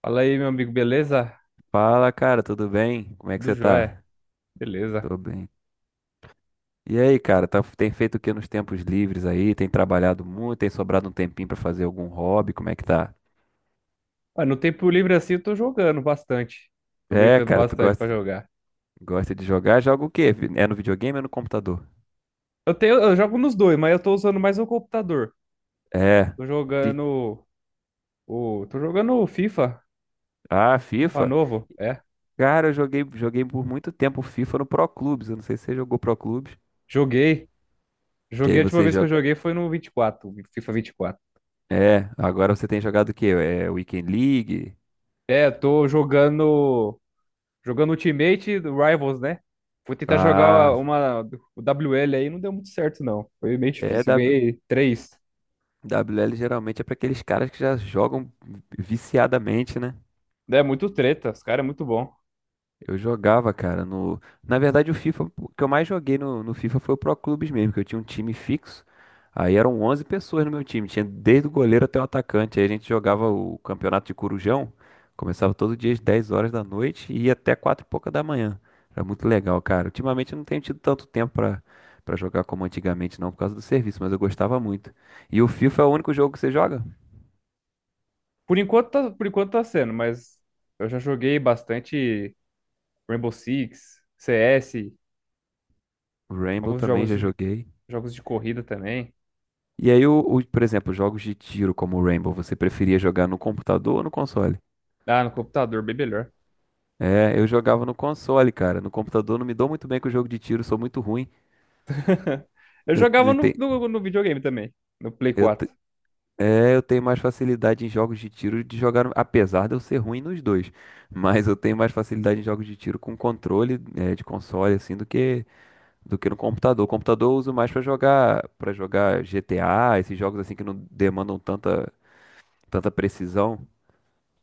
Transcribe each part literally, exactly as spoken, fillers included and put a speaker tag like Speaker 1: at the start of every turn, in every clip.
Speaker 1: Fala aí, meu amigo, beleza?
Speaker 2: Fala, cara, tudo bem? Como é que
Speaker 1: Tudo
Speaker 2: você
Speaker 1: jóia,
Speaker 2: tá?
Speaker 1: beleza.
Speaker 2: Tô bem. E aí, cara, tá- tem feito o que nos tempos livres aí? Tem trabalhado muito? Tem sobrado um tempinho pra fazer algum hobby? Como é que tá?
Speaker 1: Ah, no tempo livre assim eu tô jogando bastante,
Speaker 2: É,
Speaker 1: aproveitando
Speaker 2: cara, tu
Speaker 1: bastante pra
Speaker 2: gosta,
Speaker 1: jogar.
Speaker 2: gosta de jogar? Joga o quê? Vi- É no videogame ou no computador?
Speaker 1: Eu tenho, eu jogo nos dois, mas eu tô usando mais o computador.
Speaker 2: É.
Speaker 1: Tô
Speaker 2: Que...
Speaker 1: jogando o, tô jogando o FIFA,
Speaker 2: Ah,
Speaker 1: FIFA
Speaker 2: FIFA?
Speaker 1: novo, é.
Speaker 2: Cara, eu joguei, joguei por muito tempo FIFA no Pro Clubes. Eu não sei se você jogou Pro Clubes.
Speaker 1: Joguei,
Speaker 2: Que aí
Speaker 1: joguei a última
Speaker 2: você
Speaker 1: vez que eu
Speaker 2: joga.
Speaker 1: joguei foi no vinte e quatro, o FIFA vinte e quatro.
Speaker 2: É, agora você tem jogado o quê? É Weekend League?
Speaker 1: É, eu tô jogando, jogando Ultimate do Rivals, né? Fui tentar jogar
Speaker 2: Ah,
Speaker 1: uma, o W L aí, não deu muito certo não. Foi meio
Speaker 2: é
Speaker 1: difícil, eu ganhei três.
Speaker 2: W L geralmente é para aqueles caras que já jogam viciadamente, né?
Speaker 1: É muito treta, os caras é muito bom.
Speaker 2: Eu jogava, cara, no... Na verdade, o FIFA, o que eu mais joguei no, no FIFA foi o Pro Clubes mesmo, que eu tinha um time fixo. Aí eram onze pessoas no meu time, tinha desde o goleiro até o atacante. Aí a gente jogava o campeonato de Corujão, começava todo dia às dez horas da noite e ia até quatro e pouca da manhã. Era muito legal, cara. Ultimamente eu não tenho tido tanto tempo pra, pra jogar como antigamente, não, por causa do serviço, mas eu gostava muito. E o FIFA é o único jogo que você joga?
Speaker 1: Por enquanto, tá, por enquanto tá sendo, mas eu já joguei bastante Rainbow Six, C S,
Speaker 2: Rainbow
Speaker 1: alguns
Speaker 2: também
Speaker 1: jogos
Speaker 2: já
Speaker 1: de,
Speaker 2: joguei.
Speaker 1: jogos de corrida também.
Speaker 2: E aí, o, o- por exemplo, jogos de tiro como o Rainbow, você preferia jogar no computador ou no console?
Speaker 1: Ah, no computador, bem melhor.
Speaker 2: É, eu jogava no console, cara. No computador não me dou muito bem com o jogo de tiro, sou muito ruim.
Speaker 1: Eu
Speaker 2: Eu,
Speaker 1: jogava
Speaker 2: te-
Speaker 1: no,
Speaker 2: te-
Speaker 1: no, no videogame também, no Play
Speaker 2: eu, te-
Speaker 1: quatro.
Speaker 2: é, eu tenho mais facilidade em jogos de tiro de jogar, no- apesar de eu ser ruim nos dois. Mas eu tenho mais facilidade em jogos de tiro com controle, é, de console, assim, do que, do que no computador. O computador eu uso mais pra jogar, para jogar G T A, esses jogos assim que não demandam tanta, tanta precisão.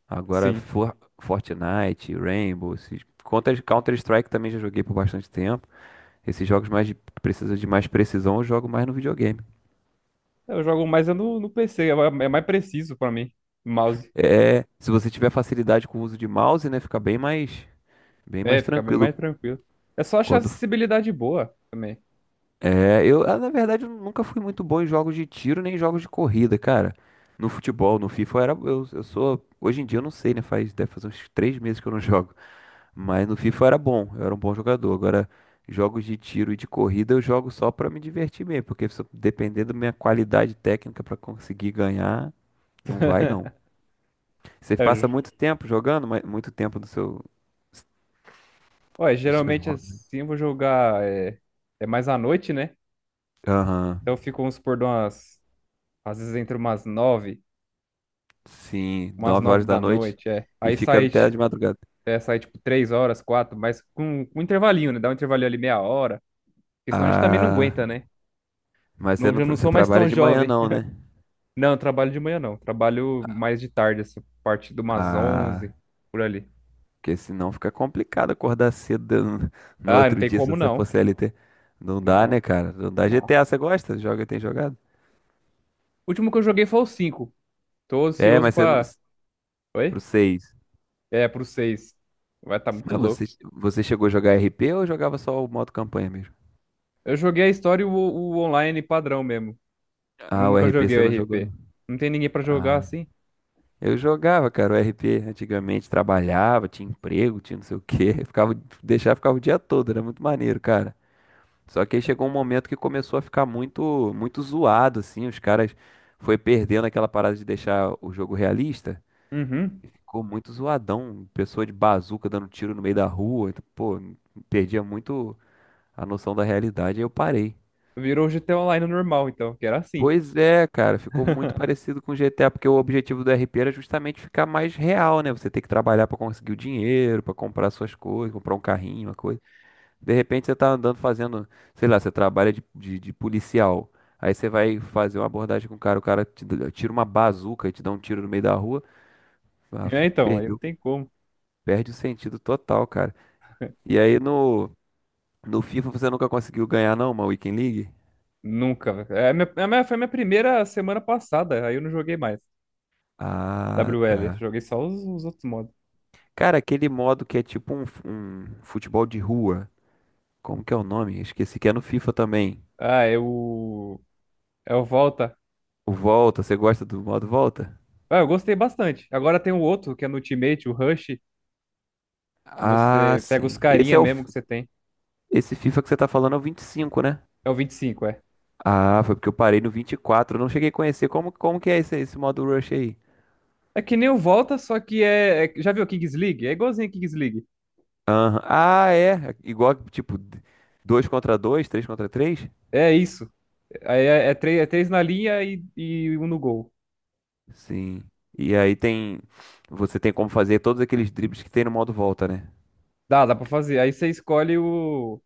Speaker 2: Agora,
Speaker 1: Sim.
Speaker 2: For- Fortnite, Rainbow, esses... Counter, Counter-Strike também já joguei por bastante tempo. Esses jogos mais de, que precisam de mais precisão, eu jogo mais no videogame.
Speaker 1: Eu jogo mais é no, no P C, é ma- é mais preciso pra mim, o mouse.
Speaker 2: É, se você tiver facilidade com o uso de mouse, né, fica bem mais, bem
Speaker 1: É,
Speaker 2: mais
Speaker 1: fica bem
Speaker 2: tranquilo
Speaker 1: mais tranquilo. É só achar
Speaker 2: quando
Speaker 1: acessibilidade boa também.
Speaker 2: é, eu, ah, na verdade, eu nunca fui muito bom em jogos de tiro nem em jogos de corrida, cara. No futebol, no FIFA, eu era, eu, eu sou, hoje em dia eu não sei, né, faz, deve fazer uns três meses que eu não jogo. Mas no FIFA eu era bom, eu era um bom jogador. Agora, jogos de tiro e de corrida eu jogo só pra me divertir mesmo, porque se eu- dependendo da minha qualidade técnica pra conseguir ganhar, não vai não. Você
Speaker 1: É,
Speaker 2: passa
Speaker 1: ge-
Speaker 2: muito tempo jogando, mas muito tempo do seu
Speaker 1: Olha,
Speaker 2: dos seus
Speaker 1: geralmente
Speaker 2: hobbies, né?
Speaker 1: assim eu vou jogar é, é mais à noite, né?
Speaker 2: Aham.
Speaker 1: Então, eu fico, vamos supor, de umas, às vezes entre umas nove,
Speaker 2: Sim,
Speaker 1: umas
Speaker 2: nove
Speaker 1: nove
Speaker 2: horas da
Speaker 1: da
Speaker 2: noite
Speaker 1: noite, é.
Speaker 2: e
Speaker 1: Aí
Speaker 2: fica
Speaker 1: sai,
Speaker 2: até de
Speaker 1: tipo,
Speaker 2: madrugada.
Speaker 1: é, sai, tipo, três horas, quatro, mas com, com um intervalinho, né? Dá um intervalinho ali meia hora, porque senão a gente também não
Speaker 2: Ah,
Speaker 1: aguenta, né?
Speaker 2: mas você
Speaker 1: Não,
Speaker 2: não,
Speaker 1: já não
Speaker 2: tra- você
Speaker 1: sou mais
Speaker 2: trabalha
Speaker 1: tão
Speaker 2: de manhã
Speaker 1: jovem.
Speaker 2: não, né?
Speaker 1: Não, eu trabalho de manhã, não. Trabalho mais de tarde, assim, parte de umas
Speaker 2: Ah,
Speaker 1: onze, por ali.
Speaker 2: porque senão fica complicado acordar cedo de- um, no
Speaker 1: Ah, não
Speaker 2: outro
Speaker 1: tem
Speaker 2: dia se
Speaker 1: como,
Speaker 2: você for
Speaker 1: não.
Speaker 2: C L T. Não dá, né,
Speaker 1: Não,
Speaker 2: cara? Não dá.
Speaker 1: não.
Speaker 2: G T A, você gosta? Joga, tem jogado?
Speaker 1: O último que eu joguei foi o cinco. Tô
Speaker 2: É,
Speaker 1: ansioso
Speaker 2: mas você não.
Speaker 1: pra...
Speaker 2: Pro
Speaker 1: Oi?
Speaker 2: seis.
Speaker 1: É, pro seis. Vai tá muito
Speaker 2: Mas
Speaker 1: louco.
Speaker 2: você, você chegou a jogar R P ou jogava só o modo campanha mesmo?
Speaker 1: Eu joguei a história e o, o online padrão mesmo. Nu-
Speaker 2: Ah, o
Speaker 1: Nunca
Speaker 2: R P
Speaker 1: joguei o
Speaker 2: você não jogou,
Speaker 1: R P.
Speaker 2: não.
Speaker 1: Não tem ninguém pra jogar
Speaker 2: Ah,
Speaker 1: assim?
Speaker 2: eu jogava, cara, o R P antigamente, trabalhava, tinha emprego, tinha não sei o quê. Ficava, deixava, ficava o dia todo, era muito maneiro, cara. Só que aí chegou um momento que começou a ficar muito, muito zoado, assim. Os caras foi perdendo aquela parada de deixar o jogo realista
Speaker 1: Uhum.
Speaker 2: e ficou muito zoadão. Pessoa de bazuca dando tiro no meio da rua. Então, pô, perdia muito a noção da realidade. Aí eu parei.
Speaker 1: Virou G T A Online normal, então, que era assim.
Speaker 2: Pois é, cara, ficou muito parecido com o G T A, porque o objetivo do R P era justamente ficar mais real, né? Você tem que trabalhar pra conseguir o dinheiro, pra comprar suas coisas, comprar um carrinho, uma coisa. De repente você tá andando fazendo, sei lá, você trabalha de, de, de policial. Aí você vai fazer uma abordagem com o cara, o cara te dá- tira uma bazuca e te dá um tiro no meio da rua. Ah,
Speaker 1: É, então, aí não
Speaker 2: perdeu,
Speaker 1: tem como.
Speaker 2: perde o sentido total, cara. E aí no, no FIFA você nunca conseguiu ganhar, não, uma Weekend League?
Speaker 1: Nunca, velho. É, a minha, a minha- foi a minha primeira semana passada, aí eu não joguei mais.
Speaker 2: Ah,
Speaker 1: W L,
Speaker 2: tá.
Speaker 1: joguei só os, os outros modos.
Speaker 2: Cara, aquele modo que é tipo um, f- um futebol de rua. Como que é o nome? Esqueci que é no FIFA também.
Speaker 1: Ah, é o. É o Volta.
Speaker 2: O Volta, você gosta do modo Volta?
Speaker 1: Ah, eu gostei bastante. Agora tem o outro, que é no Ultimate, o Rush, que
Speaker 2: Ah,
Speaker 1: você pega os
Speaker 2: sim. Esse
Speaker 1: carinha
Speaker 2: é o.
Speaker 1: mesmo
Speaker 2: f-
Speaker 1: que você tem.
Speaker 2: Esse FIFA que você tá falando é o vinte e cinco, né?
Speaker 1: É o vinte e cinco, é.
Speaker 2: Ah, foi porque eu parei no vinte e quatro. Eu não cheguei a conhecer como, como que é esse, esse modo rush aí.
Speaker 1: É que nem o Volta, só que é. é- Já viu o Kings League? É igualzinho a Kings League.
Speaker 2: Aham. Ah, é. Igual, tipo, dois contra dois, três contra três?
Speaker 1: É isso. Aí é, é três, é três na linha e, e um no gol.
Speaker 2: Sim. E aí tem. Você tem como fazer todos aqueles dribles que tem no modo volta, né?
Speaker 1: Dá, dá pra fazer. Aí você escolhe o.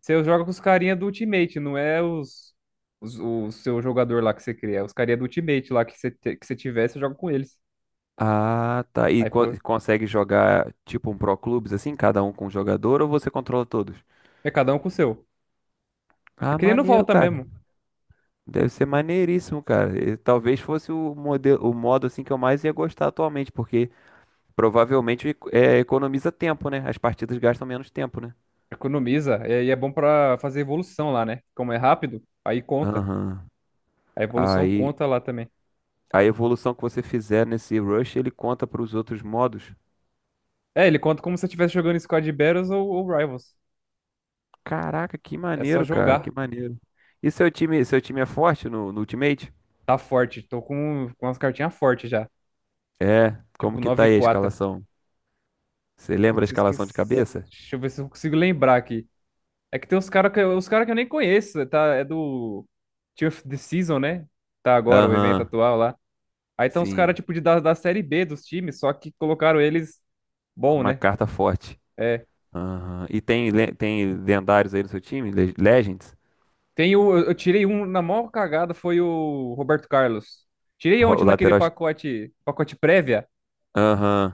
Speaker 1: Você joga com os carinha do Ultimate, não é os, os- o seu jogador lá que você cria. É os carinha do Ultimate lá que você, te- que você tiver, você joga com eles.
Speaker 2: Ah, tá. E
Speaker 1: Aí,
Speaker 2: co-
Speaker 1: pô,
Speaker 2: e consegue jogar, tipo, um Pro Clubes assim, cada um com um jogador, ou você controla todos?
Speaker 1: é cada um com o seu. É
Speaker 2: Ah,
Speaker 1: que nem no
Speaker 2: maneiro,
Speaker 1: volta
Speaker 2: cara.
Speaker 1: mesmo.
Speaker 2: Deve ser maneiríssimo, cara. E talvez fosse o modelo, o modo assim que eu mais ia gostar atualmente, porque. Provavelmente é, economiza tempo, né? As partidas gastam menos tempo, né?
Speaker 1: Economiza. E e é bom pra fazer evolução lá, né? Como é rápido, aí conta.
Speaker 2: Aham.
Speaker 1: A evolução
Speaker 2: Aí
Speaker 1: conta lá também.
Speaker 2: a evolução que você fizer nesse rush, ele conta para os outros modos.
Speaker 1: É, ele conta como se eu estivesse jogando Squad Battles ou, ou Rivals.
Speaker 2: Caraca, que
Speaker 1: É só
Speaker 2: maneiro, cara,
Speaker 1: jogar.
Speaker 2: que maneiro. E seu time, seu time é forte no, no Ultimate?
Speaker 1: Tá forte. Tô com, com umas cartinhas fortes já.
Speaker 2: É, como
Speaker 1: Tipo,
Speaker 2: que
Speaker 1: nove
Speaker 2: tá
Speaker 1: e
Speaker 2: aí a
Speaker 1: quatro
Speaker 2: escalação? Você lembra a
Speaker 1: Putz, eu
Speaker 2: escalação de
Speaker 1: esqueci.
Speaker 2: cabeça?
Speaker 1: Deixa eu ver se eu consigo lembrar aqui. É que tem uns caras que, uns cara que eu nem conheço, tá? É do Tier of the Season, né? Tá agora, o evento
Speaker 2: Aham,
Speaker 1: atual lá. Aí tem uns caras,
Speaker 2: sim,
Speaker 1: tipo, de, da, da Série B dos times, só que colocaram eles
Speaker 2: com
Speaker 1: bom,
Speaker 2: uma
Speaker 1: né?
Speaker 2: carta forte.
Speaker 1: É.
Speaker 2: Aham. E tem, le- tem lendários aí no seu time? Le- Legends?
Speaker 1: Tem o, eu eu tirei um na maior cagada, foi o Roberto Carlos. Tirei
Speaker 2: Ro-
Speaker 1: ontem
Speaker 2: O
Speaker 1: naquele
Speaker 2: lateral, es-
Speaker 1: pacote, pacote prévia.
Speaker 2: Aham,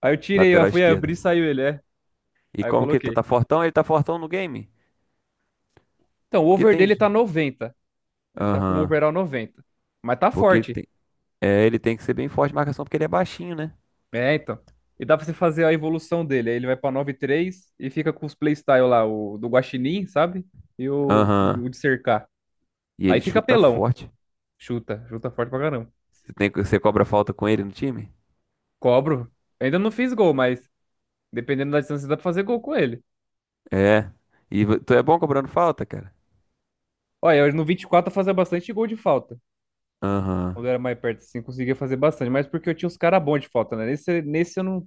Speaker 1: Aí eu tirei, eu
Speaker 2: lateral
Speaker 1: fui abrir
Speaker 2: esquerda.
Speaker 1: e saiu ele, é.
Speaker 2: E
Speaker 1: Aí eu
Speaker 2: como que ele tá,
Speaker 1: coloquei.
Speaker 2: tá fortão? Ele tá fortão no game?
Speaker 1: Então, o
Speaker 2: Porque
Speaker 1: over
Speaker 2: tem.
Speaker 1: dele tá noventa. Ele tá com o
Speaker 2: Aham.
Speaker 1: overall noventa. Mas tá
Speaker 2: Porque ele
Speaker 1: forte.
Speaker 2: tem. É, ele tem que ser bem forte de marcação, porque ele é baixinho, né?
Speaker 1: É, então. E dá pra você fazer a evolução dele. Aí ele vai pra nove três e fica com os playstyle lá, o do Guaxinim, sabe? E o, o
Speaker 2: Aham.
Speaker 1: de cercar.
Speaker 2: E
Speaker 1: Aí
Speaker 2: ele
Speaker 1: fica
Speaker 2: chuta
Speaker 1: pelão.
Speaker 2: forte.
Speaker 1: Chuta, chuta forte pra caramba.
Speaker 2: Você tem, que você cobra falta com ele no time?
Speaker 1: Cobro. Ainda não fiz gol, mas dependendo da distância dá pra fazer gol com ele.
Speaker 2: É. E vo- tu é bom cobrando falta, cara?
Speaker 1: Olha, eu no vinte e quatro eu fazia bastante gol de falta. Quando eu
Speaker 2: Aham.
Speaker 1: era mais perto, assim, conseguia fazer bastante. Mas porque eu tinha uns caras bons de falta, né? Nesse, nesse eu não.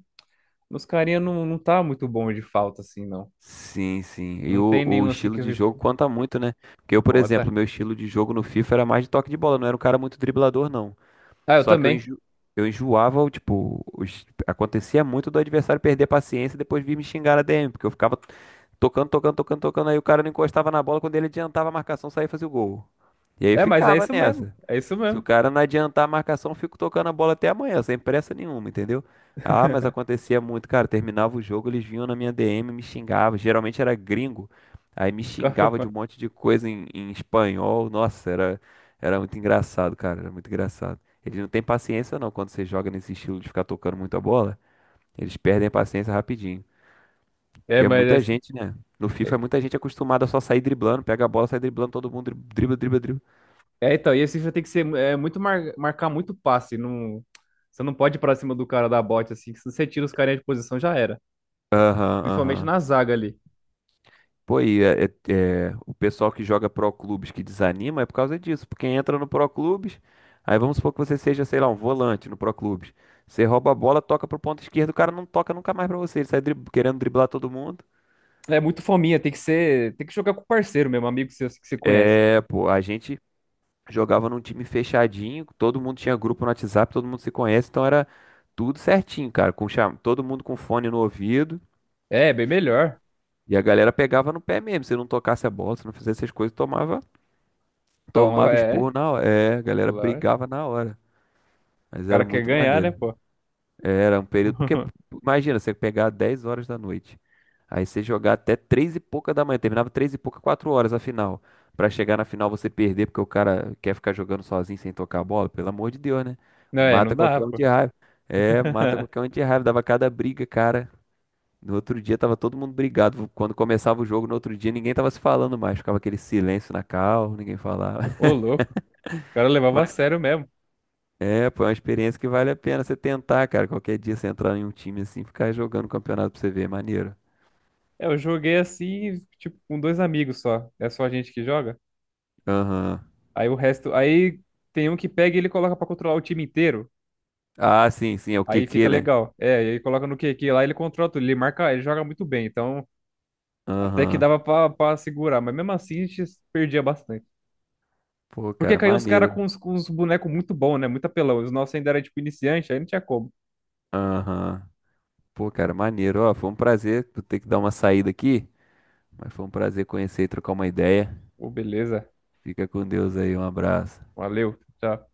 Speaker 1: Nos carinha não, não tá muito bom de falta, assim, não.
Speaker 2: Sim, sim. E
Speaker 1: Não
Speaker 2: o,
Speaker 1: tem
Speaker 2: o
Speaker 1: nenhum assim
Speaker 2: estilo
Speaker 1: que eu
Speaker 2: de
Speaker 1: vi.
Speaker 2: jogo conta muito, né? Porque eu, por exemplo,
Speaker 1: Conta.
Speaker 2: meu estilo de jogo no FIFA era mais de toque de bola, não era um cara muito driblador, não.
Speaker 1: Ah, eu
Speaker 2: Só que eu,
Speaker 1: também.
Speaker 2: enjo... eu enjoava, o, tipo, os- acontecia muito do adversário perder a paciência e depois vir me xingar na D M, porque eu ficava tocando, tocando, tocando, tocando. Aí o cara não encostava na bola. Quando ele adiantava a marcação, saía e fazia o gol. E aí
Speaker 1: É, mas é
Speaker 2: ficava
Speaker 1: isso mesmo.
Speaker 2: nessa.
Speaker 1: É isso
Speaker 2: Se o
Speaker 1: mesmo.
Speaker 2: cara não adiantar a marcação, eu fico tocando a bola até amanhã, sem pressa nenhuma, entendeu? Ah, mas acontecia muito, cara. Terminava o jogo, eles vinham na minha D M, me xingavam. Geralmente era gringo. Aí me xingava de um
Speaker 1: Calma.
Speaker 2: monte de coisa em, em espanhol. Nossa, era, era muito engraçado, cara. Era muito engraçado. Eles não têm paciência, não, quando você joga nesse estilo de ficar tocando muito a bola. Eles perdem a paciência rapidinho.
Speaker 1: É,
Speaker 2: Porque é
Speaker 1: mas é,
Speaker 2: muita
Speaker 1: assim-
Speaker 2: gente, né? No FIFA é
Speaker 1: é,
Speaker 2: muita gente é acostumada a só sair driblando, pega a bola, sai driblando, todo mundo dri- dribla, dribla, dribla.
Speaker 1: é, então, e esse FIFA tem que ser é, muito mar- marcar muito passe. Não, você não pode ir pra cima do cara da bote, assim, que se você tira os carinha de posição, já era.
Speaker 2: Aham,
Speaker 1: Principalmente
Speaker 2: aham.
Speaker 1: na zaga ali.
Speaker 2: Pô, e é, é- é, o pessoal que joga pro clubes que desanima é por causa disso. Porque entra no pro clubes, aí vamos supor que você seja, sei lá, um volante no pro clubes. Você rouba a bola, toca pro ponto esquerdo, o cara não toca nunca mais pra você. Ele sai drib- querendo driblar todo mundo.
Speaker 1: É muito fominha, tem que ser. Tem que jogar com o parceiro mesmo, amigo seu que você conhece.
Speaker 2: É, pô, a gente jogava num time fechadinho, todo mundo tinha grupo no WhatsApp, todo mundo se conhece, então era tudo certinho, cara. Com cham... Todo mundo com fone no ouvido.
Speaker 1: É, bem melhor.
Speaker 2: E a galera pegava no pé mesmo. Se não tocasse a bola, se não fizesse essas coisas, tomava,
Speaker 1: Então,
Speaker 2: tomava
Speaker 1: é,
Speaker 2: esporro na hora. É, a galera
Speaker 1: claro.
Speaker 2: brigava
Speaker 1: O
Speaker 2: na hora. Mas era
Speaker 1: cara quer
Speaker 2: muito
Speaker 1: ganhar, né,
Speaker 2: maneiro.
Speaker 1: pô?
Speaker 2: Era um período. Porque, imagina, você pegar dez horas da noite. Aí você jogar até três e pouca da manhã. Terminava três e pouca, quatro horas a final. Pra chegar na final você perder, porque o cara quer ficar jogando sozinho sem tocar a bola. Pelo amor de Deus, né?
Speaker 1: Não, é, não
Speaker 2: Mata
Speaker 1: dá,
Speaker 2: qualquer um
Speaker 1: pô.
Speaker 2: de raiva. É, mata qualquer um de raiva. Dava cada briga, cara. No outro dia tava todo mundo brigado. Quando começava o jogo, no outro dia ninguém tava se falando mais. Ficava aquele silêncio na cal, ninguém falava.
Speaker 1: Ô, louco. O cara levava a
Speaker 2: Mas
Speaker 1: sério mesmo.
Speaker 2: é, pô, é uma experiência que vale a pena você tentar, cara. Qualquer dia você entrar em um time assim, ficar jogando campeonato pra você ver, é maneiro.
Speaker 1: É, eu joguei assim, tipo, com dois amigos só. É só a gente que joga?
Speaker 2: Aham.
Speaker 1: Aí o resto. Aí tem um que pega e ele coloca pra controlar o time inteiro.
Speaker 2: Ah, sim, sim, é o
Speaker 1: Aí fica
Speaker 2: Q Q, né?
Speaker 1: legal. É, ele coloca no Q Q lá, ele controla tudo. Ele marca, ele joga muito bem. Então, até que
Speaker 2: Aham.
Speaker 1: dava pra, pra segurar. Mas mesmo assim, a gente perdia bastante.
Speaker 2: Pô,
Speaker 1: Porque
Speaker 2: cara,
Speaker 1: caíam os caras
Speaker 2: maneiro.
Speaker 1: com os com uns bonecos muito bons, né? Muito apelão. Os nossos ainda era tipo iniciante, aí não tinha como.
Speaker 2: Aham. Pô, cara, maneiro. Ó, foi um prazer. Vou ter que dar uma saída aqui, mas foi um prazer conhecer e trocar uma ideia.
Speaker 1: Ô, beleza.
Speaker 2: Fica com Deus aí, um abraço.
Speaker 1: Valeu, tchau.